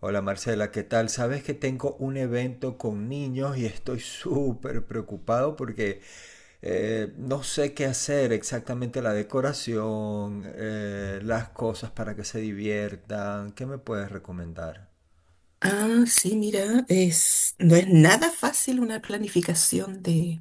Hola Marcela, ¿qué tal? Sabes que tengo un evento con niños y estoy súper preocupado porque no sé qué hacer exactamente la decoración, las cosas para que se diviertan. ¿Qué me puedes recomendar? Ah, sí, mira, no es nada fácil una planificación de,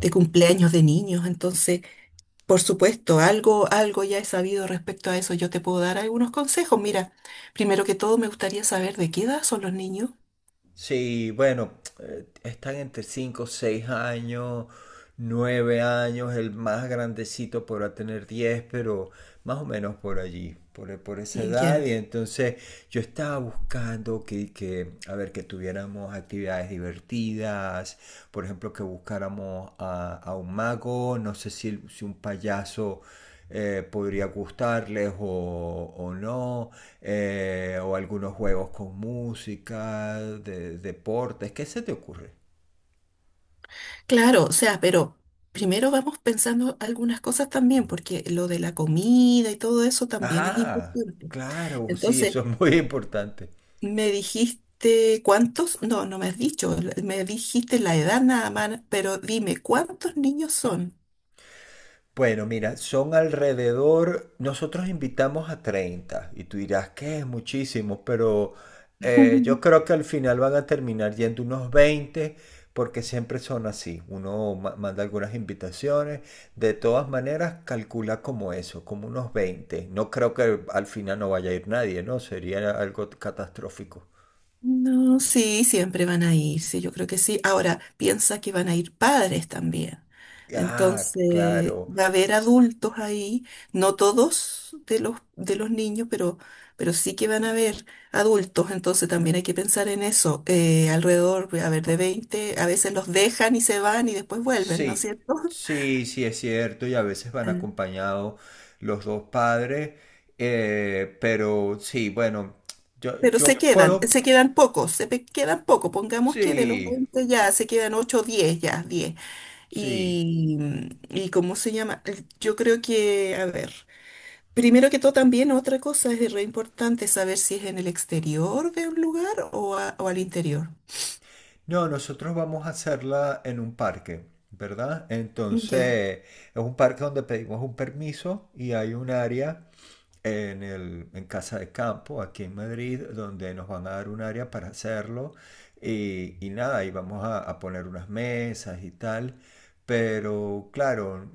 de cumpleaños de niños, entonces, por supuesto, algo ya he sabido respecto a eso, yo te puedo dar algunos consejos. Mira, primero que todo me gustaría saber de qué edad son los niños. Sí, bueno, están entre 5, 6 años, 9 años, el más grandecito podrá tener 10, pero más o menos por allí, por esa Mm, edad. Y ya. entonces yo estaba buscando que, a ver, que tuviéramos actividades divertidas, por ejemplo, que buscáramos a un mago, no sé si un payaso podría gustarles o no, o algunos juegos con música, deportes, ¿qué se te ocurre? Claro, o sea, pero primero vamos pensando algunas cosas también, porque lo de la comida y todo eso también es Ah, importante. claro, sí, Entonces, eso es muy importante. me dijiste cuántos, no, no me has dicho, me dijiste la edad nada más, pero dime, ¿cuántos niños son? Bueno, mira, son alrededor, nosotros invitamos a 30 y tú dirás que es muchísimo, pero yo creo que al final van a terminar yendo unos 20, porque siempre son así. Uno manda algunas invitaciones, de todas maneras calcula como eso, como unos 20. No creo que al final no vaya a ir nadie, ¿no? Sería algo catastrófico. No, sí, siempre van a ir, sí, yo creo que sí. Ahora, piensa que van a ir padres también. Ah, Entonces, claro. va a haber adultos ahí, no todos de los niños, pero sí que van a haber adultos, entonces también hay que pensar en eso. Alrededor, a ver, de 20 a veces los dejan y se van y después vuelven, ¿no es Sí, cierto? sí, sí es cierto y a veces van acompañados los dos padres, pero sí, bueno, yo, Pero yo puedo. se quedan pocos, quedan pocos. Pongamos que de los Sí, 20 ya se quedan 8 o 10, ya diez. sí. Y, y ¿cómo se llama? Yo creo que, a ver, primero que todo también otra cosa es re importante saber si es en el exterior de un lugar o al interior. No, nosotros vamos a hacerla en un parque, ¿verdad? Ya. Entonces, es un parque donde pedimos un permiso y hay un área en Casa de Campo, aquí en Madrid, donde nos van a dar un área para hacerlo. Y nada, y vamos a poner unas mesas y tal. Pero claro,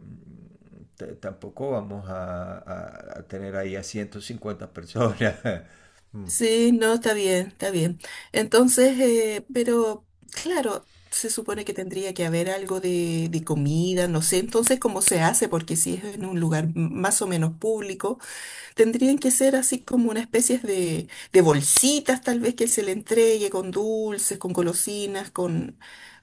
tampoco vamos a tener ahí a 150 personas. Mm. Sí, no, está bien, está bien. Entonces, pero claro, se supone que tendría que haber algo de comida, no sé, entonces cómo se hace, porque si es en un lugar más o menos público, tendrían que ser así como una especie de bolsitas tal vez que se le entregue con dulces, con golosinas, con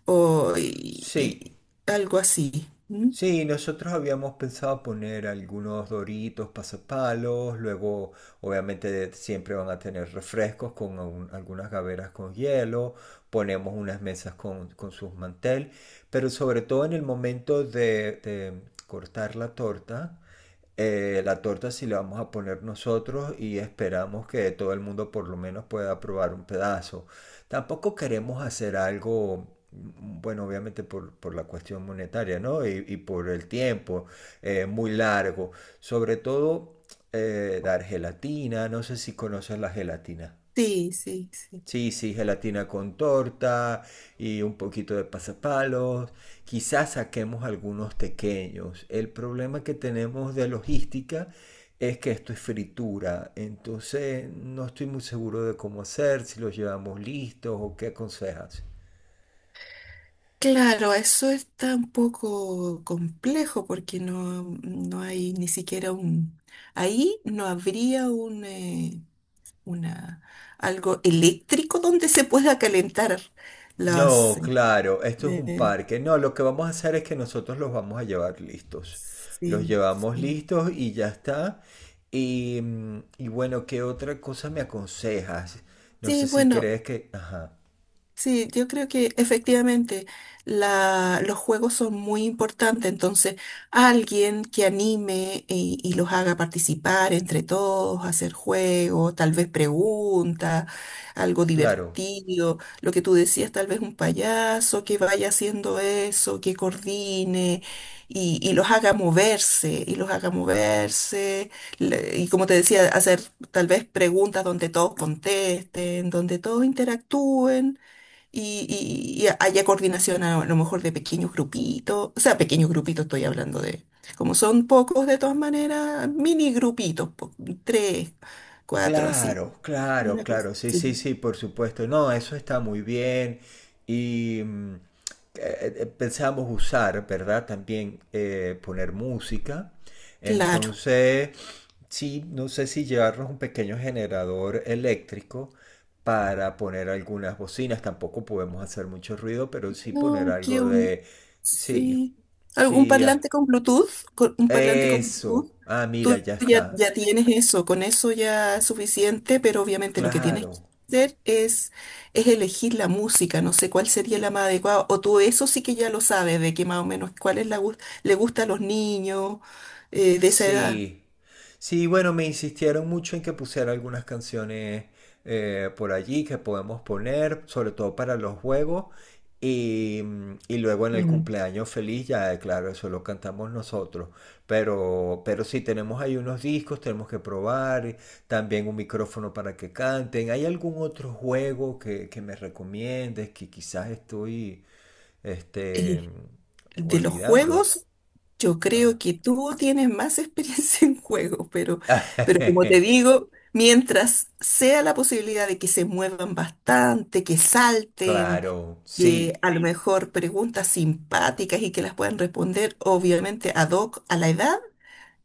o, y, y- Sí, algo así. ¿Mm? Sí, nosotros habíamos pensado poner algunos doritos, pasapalos, luego obviamente siempre van a tener refrescos con algunas gaveras con hielo, ponemos unas mesas con sus mantel, pero sobre todo en el momento de cortar la torta sí la vamos a poner nosotros y esperamos que todo el mundo por lo menos pueda probar un pedazo. Tampoco queremos hacer algo, bueno, obviamente por la cuestión monetaria, ¿no? Y por el tiempo muy largo. Sobre todo dar gelatina, no sé si conoces la gelatina. Sí, sí, sí. Sí, sí, gelatina con torta y un poquito de pasapalos. Quizás saquemos algunos pequeños. El problema que tenemos de logística es que esto es fritura. Entonces no estoy muy seguro de cómo hacer, si los llevamos listos o qué aconsejas. Claro, eso está un poco complejo porque no, no hay ni siquiera un... Ahí no habría un, una, algo eléctrico donde se pueda calentar las... No, claro, esto es un eh, parque. No, lo que vamos a hacer es que nosotros los vamos a llevar listos. Los sí, llevamos sí. listos y ya está. Y bueno, ¿qué otra cosa me aconsejas? No sé Sí, si bueno. crees que. Ajá, Sí, yo creo que efectivamente los juegos son muy importantes, entonces alguien que anime y los haga participar entre todos, hacer juegos, tal vez preguntas, algo claro. divertido, lo que tú decías, tal vez un payaso que vaya haciendo eso, que coordine y los haga moverse, y como te decía, hacer tal vez preguntas donde todos contesten, donde todos interactúen y haya coordinación a, lo mejor de pequeños grupitos, o sea, pequeños grupitos estoy hablando de, como son pocos de todas maneras, mini grupitos, po, tres, cuatro, así, Claro, claro, una cosa claro, sí, sí, así. sí, por supuesto. No, eso está muy bien. Y mm, Pensamos usar, ¿verdad? También poner música. Claro. Entonces, sí, no sé si llevarnos un pequeño generador eléctrico para poner algunas bocinas. Tampoco podemos hacer mucho ruido, pero sí No, poner es que algo un, de. Sí, sí, un sí, ah, parlante con Bluetooth, un parlante con eso. Bluetooth, Ah, mira, tú ya está. ya tienes eso, con eso ya es suficiente, pero obviamente lo que tienes que Claro. hacer es elegir la música, no sé cuál sería la más adecuada, o tú eso sí que ya lo sabes, de que más o menos cuál es le gusta a los niños de esa edad. Sí, sí, bueno, me insistieron mucho en que pusiera algunas canciones por allí que podemos poner, sobre todo para los juegos. Y luego en el Mm. cumpleaños feliz, ya claro, eso lo cantamos nosotros. Pero sí, tenemos ahí unos discos, tenemos que probar, también un micrófono para que canten. ¿Hay algún otro juego que me recomiendes que quizás estoy este, De los olvidando? juegos, yo creo Ajá. que tú tienes más experiencia en juegos, pero como te digo, mientras sea la posibilidad de que se muevan bastante, que salten, Claro, que sí. a lo mejor preguntas simpáticas y que las puedan responder, obviamente, ad hoc a la edad,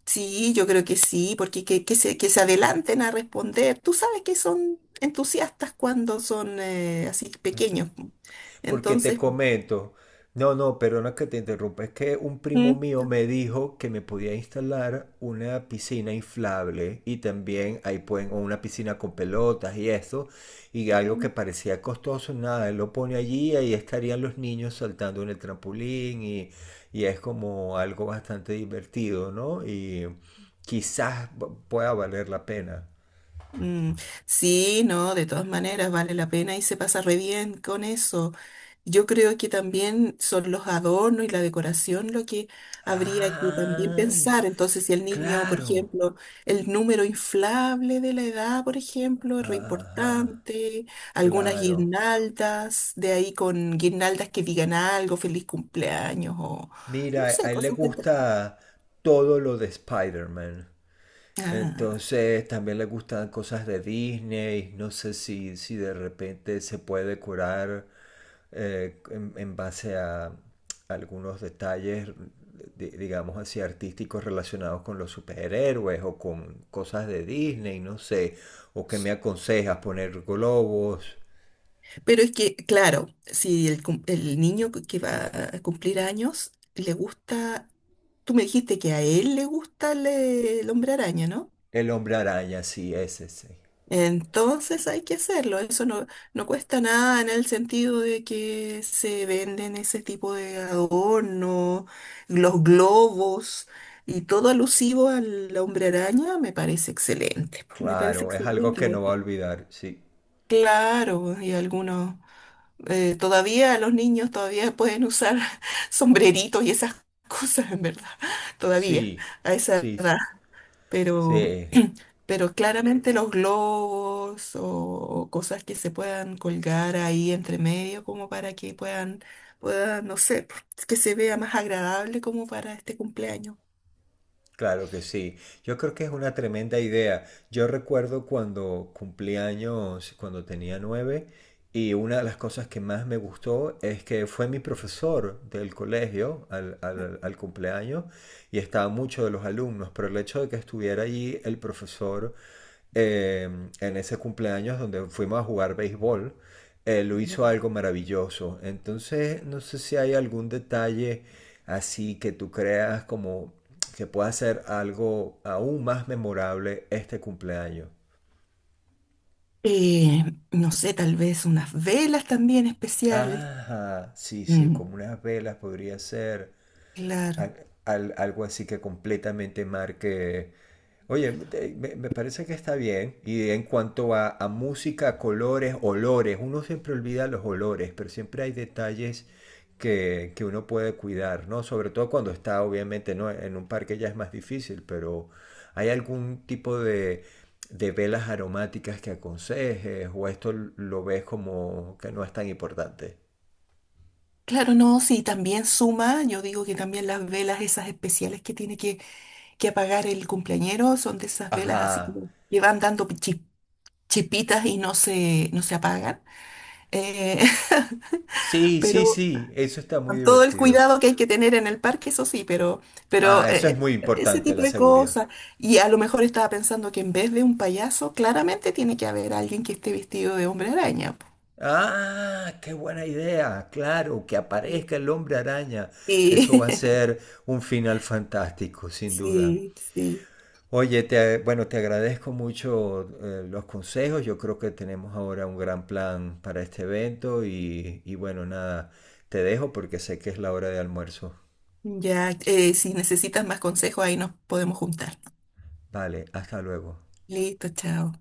sí, yo creo que sí, porque que se adelanten a responder. Tú sabes que son entusiastas cuando son así Ujú. pequeños. ¿No? Porque te Entonces, comento, no, no, perdona que te interrumpa, es que un primo mío me dijo que me podía instalar una piscina inflable y también ahí pueden, o una piscina con pelotas y eso, y algo mm, que parecía costoso, nada, él lo pone allí y ahí estarían los niños saltando en el trampolín y es como algo bastante divertido, ¿no? Y quizás pueda valer la pena. mm, sí, no, de todas maneras vale la pena y se pasa re bien con eso. Yo creo que también son los adornos y la decoración lo que habría que también Ah, pensar. Entonces, si el niño, por claro. ejemplo, el número inflable de la edad, por ejemplo, es re Ajá, importante, algunas claro. guirnaldas, de ahí con guirnaldas que digan algo, feliz cumpleaños o no Mira, sé, a él le cosas que... gusta todo lo de Spider-Man. Entonces también le gustan cosas de Disney. No sé si de repente se puede curar en base a algunos detalles, digamos así, artísticos relacionados con los superhéroes o con cosas de Disney, no sé. O que me aconsejas poner globos. Pero es que, claro, si el, cum- el niño que va a cumplir años le gusta, tú me dijiste que a él le gusta el hombre araña, ¿no? El hombre araña, sí, ese, sí. Entonces hay que hacerlo, eso no, no cuesta nada en el sentido de que se venden ese tipo de adorno, los globos y todo alusivo al hombre araña, me parece Claro, es algo excelente. que no va a Bueno. olvidar, sí. Claro, y algunos... todavía los niños todavía pueden usar sombreritos y esas cosas, en verdad, todavía, Sí, a esa sí, sí, edad. Pero, sí, pero claramente los globos o cosas que se puedan colgar ahí entre medio como para que puedan, no sé, que se vea más agradable como para este cumpleaños. claro que sí. Yo creo que es una tremenda idea. Yo recuerdo cuando cumplí años, cuando tenía 9, y una de las cosas que más me gustó es que fue mi profesor del colegio al cumpleaños y estaban muchos de los alumnos, pero el hecho de que estuviera allí el profesor eh, en ese cumpleaños donde fuimos a jugar béisbol, lo Ya. hizo algo maravilloso. Entonces, no sé si hay algún detalle así que tú creas como que pueda ser algo aún más memorable este cumpleaños. Eh, no sé, tal vez unas velas también especiales. Ajá, sí, sí, Mm, como unas velas podría ser. claro. Algo así que completamente marque. Oye, me, parece que está bien. Y en cuanto a música, colores, olores, uno siempre olvida los olores, pero siempre hay detalles que uno puede cuidar, ¿no? Sobre todo cuando está, obviamente, ¿no? En un parque ya es más difícil, pero ¿hay algún tipo de velas aromáticas que aconsejes? ¿O esto lo ves como que no es tan importante? Claro, no, sí, también suma, yo digo que también las velas esas especiales que tiene que apagar el cumpleañero son de esas velas así Ajá. como que van dando chispitas y no se, no se apagan. Eh, Sí, sí, pero sí, eso está muy con todo el divertido. cuidado que hay que tener en el parque, eso sí, pero Ah, eso es muy ese importante, tipo la de seguridad. cosas. Y a lo mejor estaba pensando que en vez de un payaso, claramente tiene que haber alguien que esté vestido de hombre araña. Po. Ah, qué buena idea. Claro, que aparezca el hombre araña. Eso va a Y, ser un final fantástico, sin duda. sí, sí. Oye, bueno, te agradezco mucho los consejos. Yo creo que tenemos ahora un gran plan para este evento y bueno, nada, te dejo porque sé que es la hora de almuerzo. Ya, si necesitas más consejos, ahí nos podemos juntar. Vale, hasta luego. Listo, chao.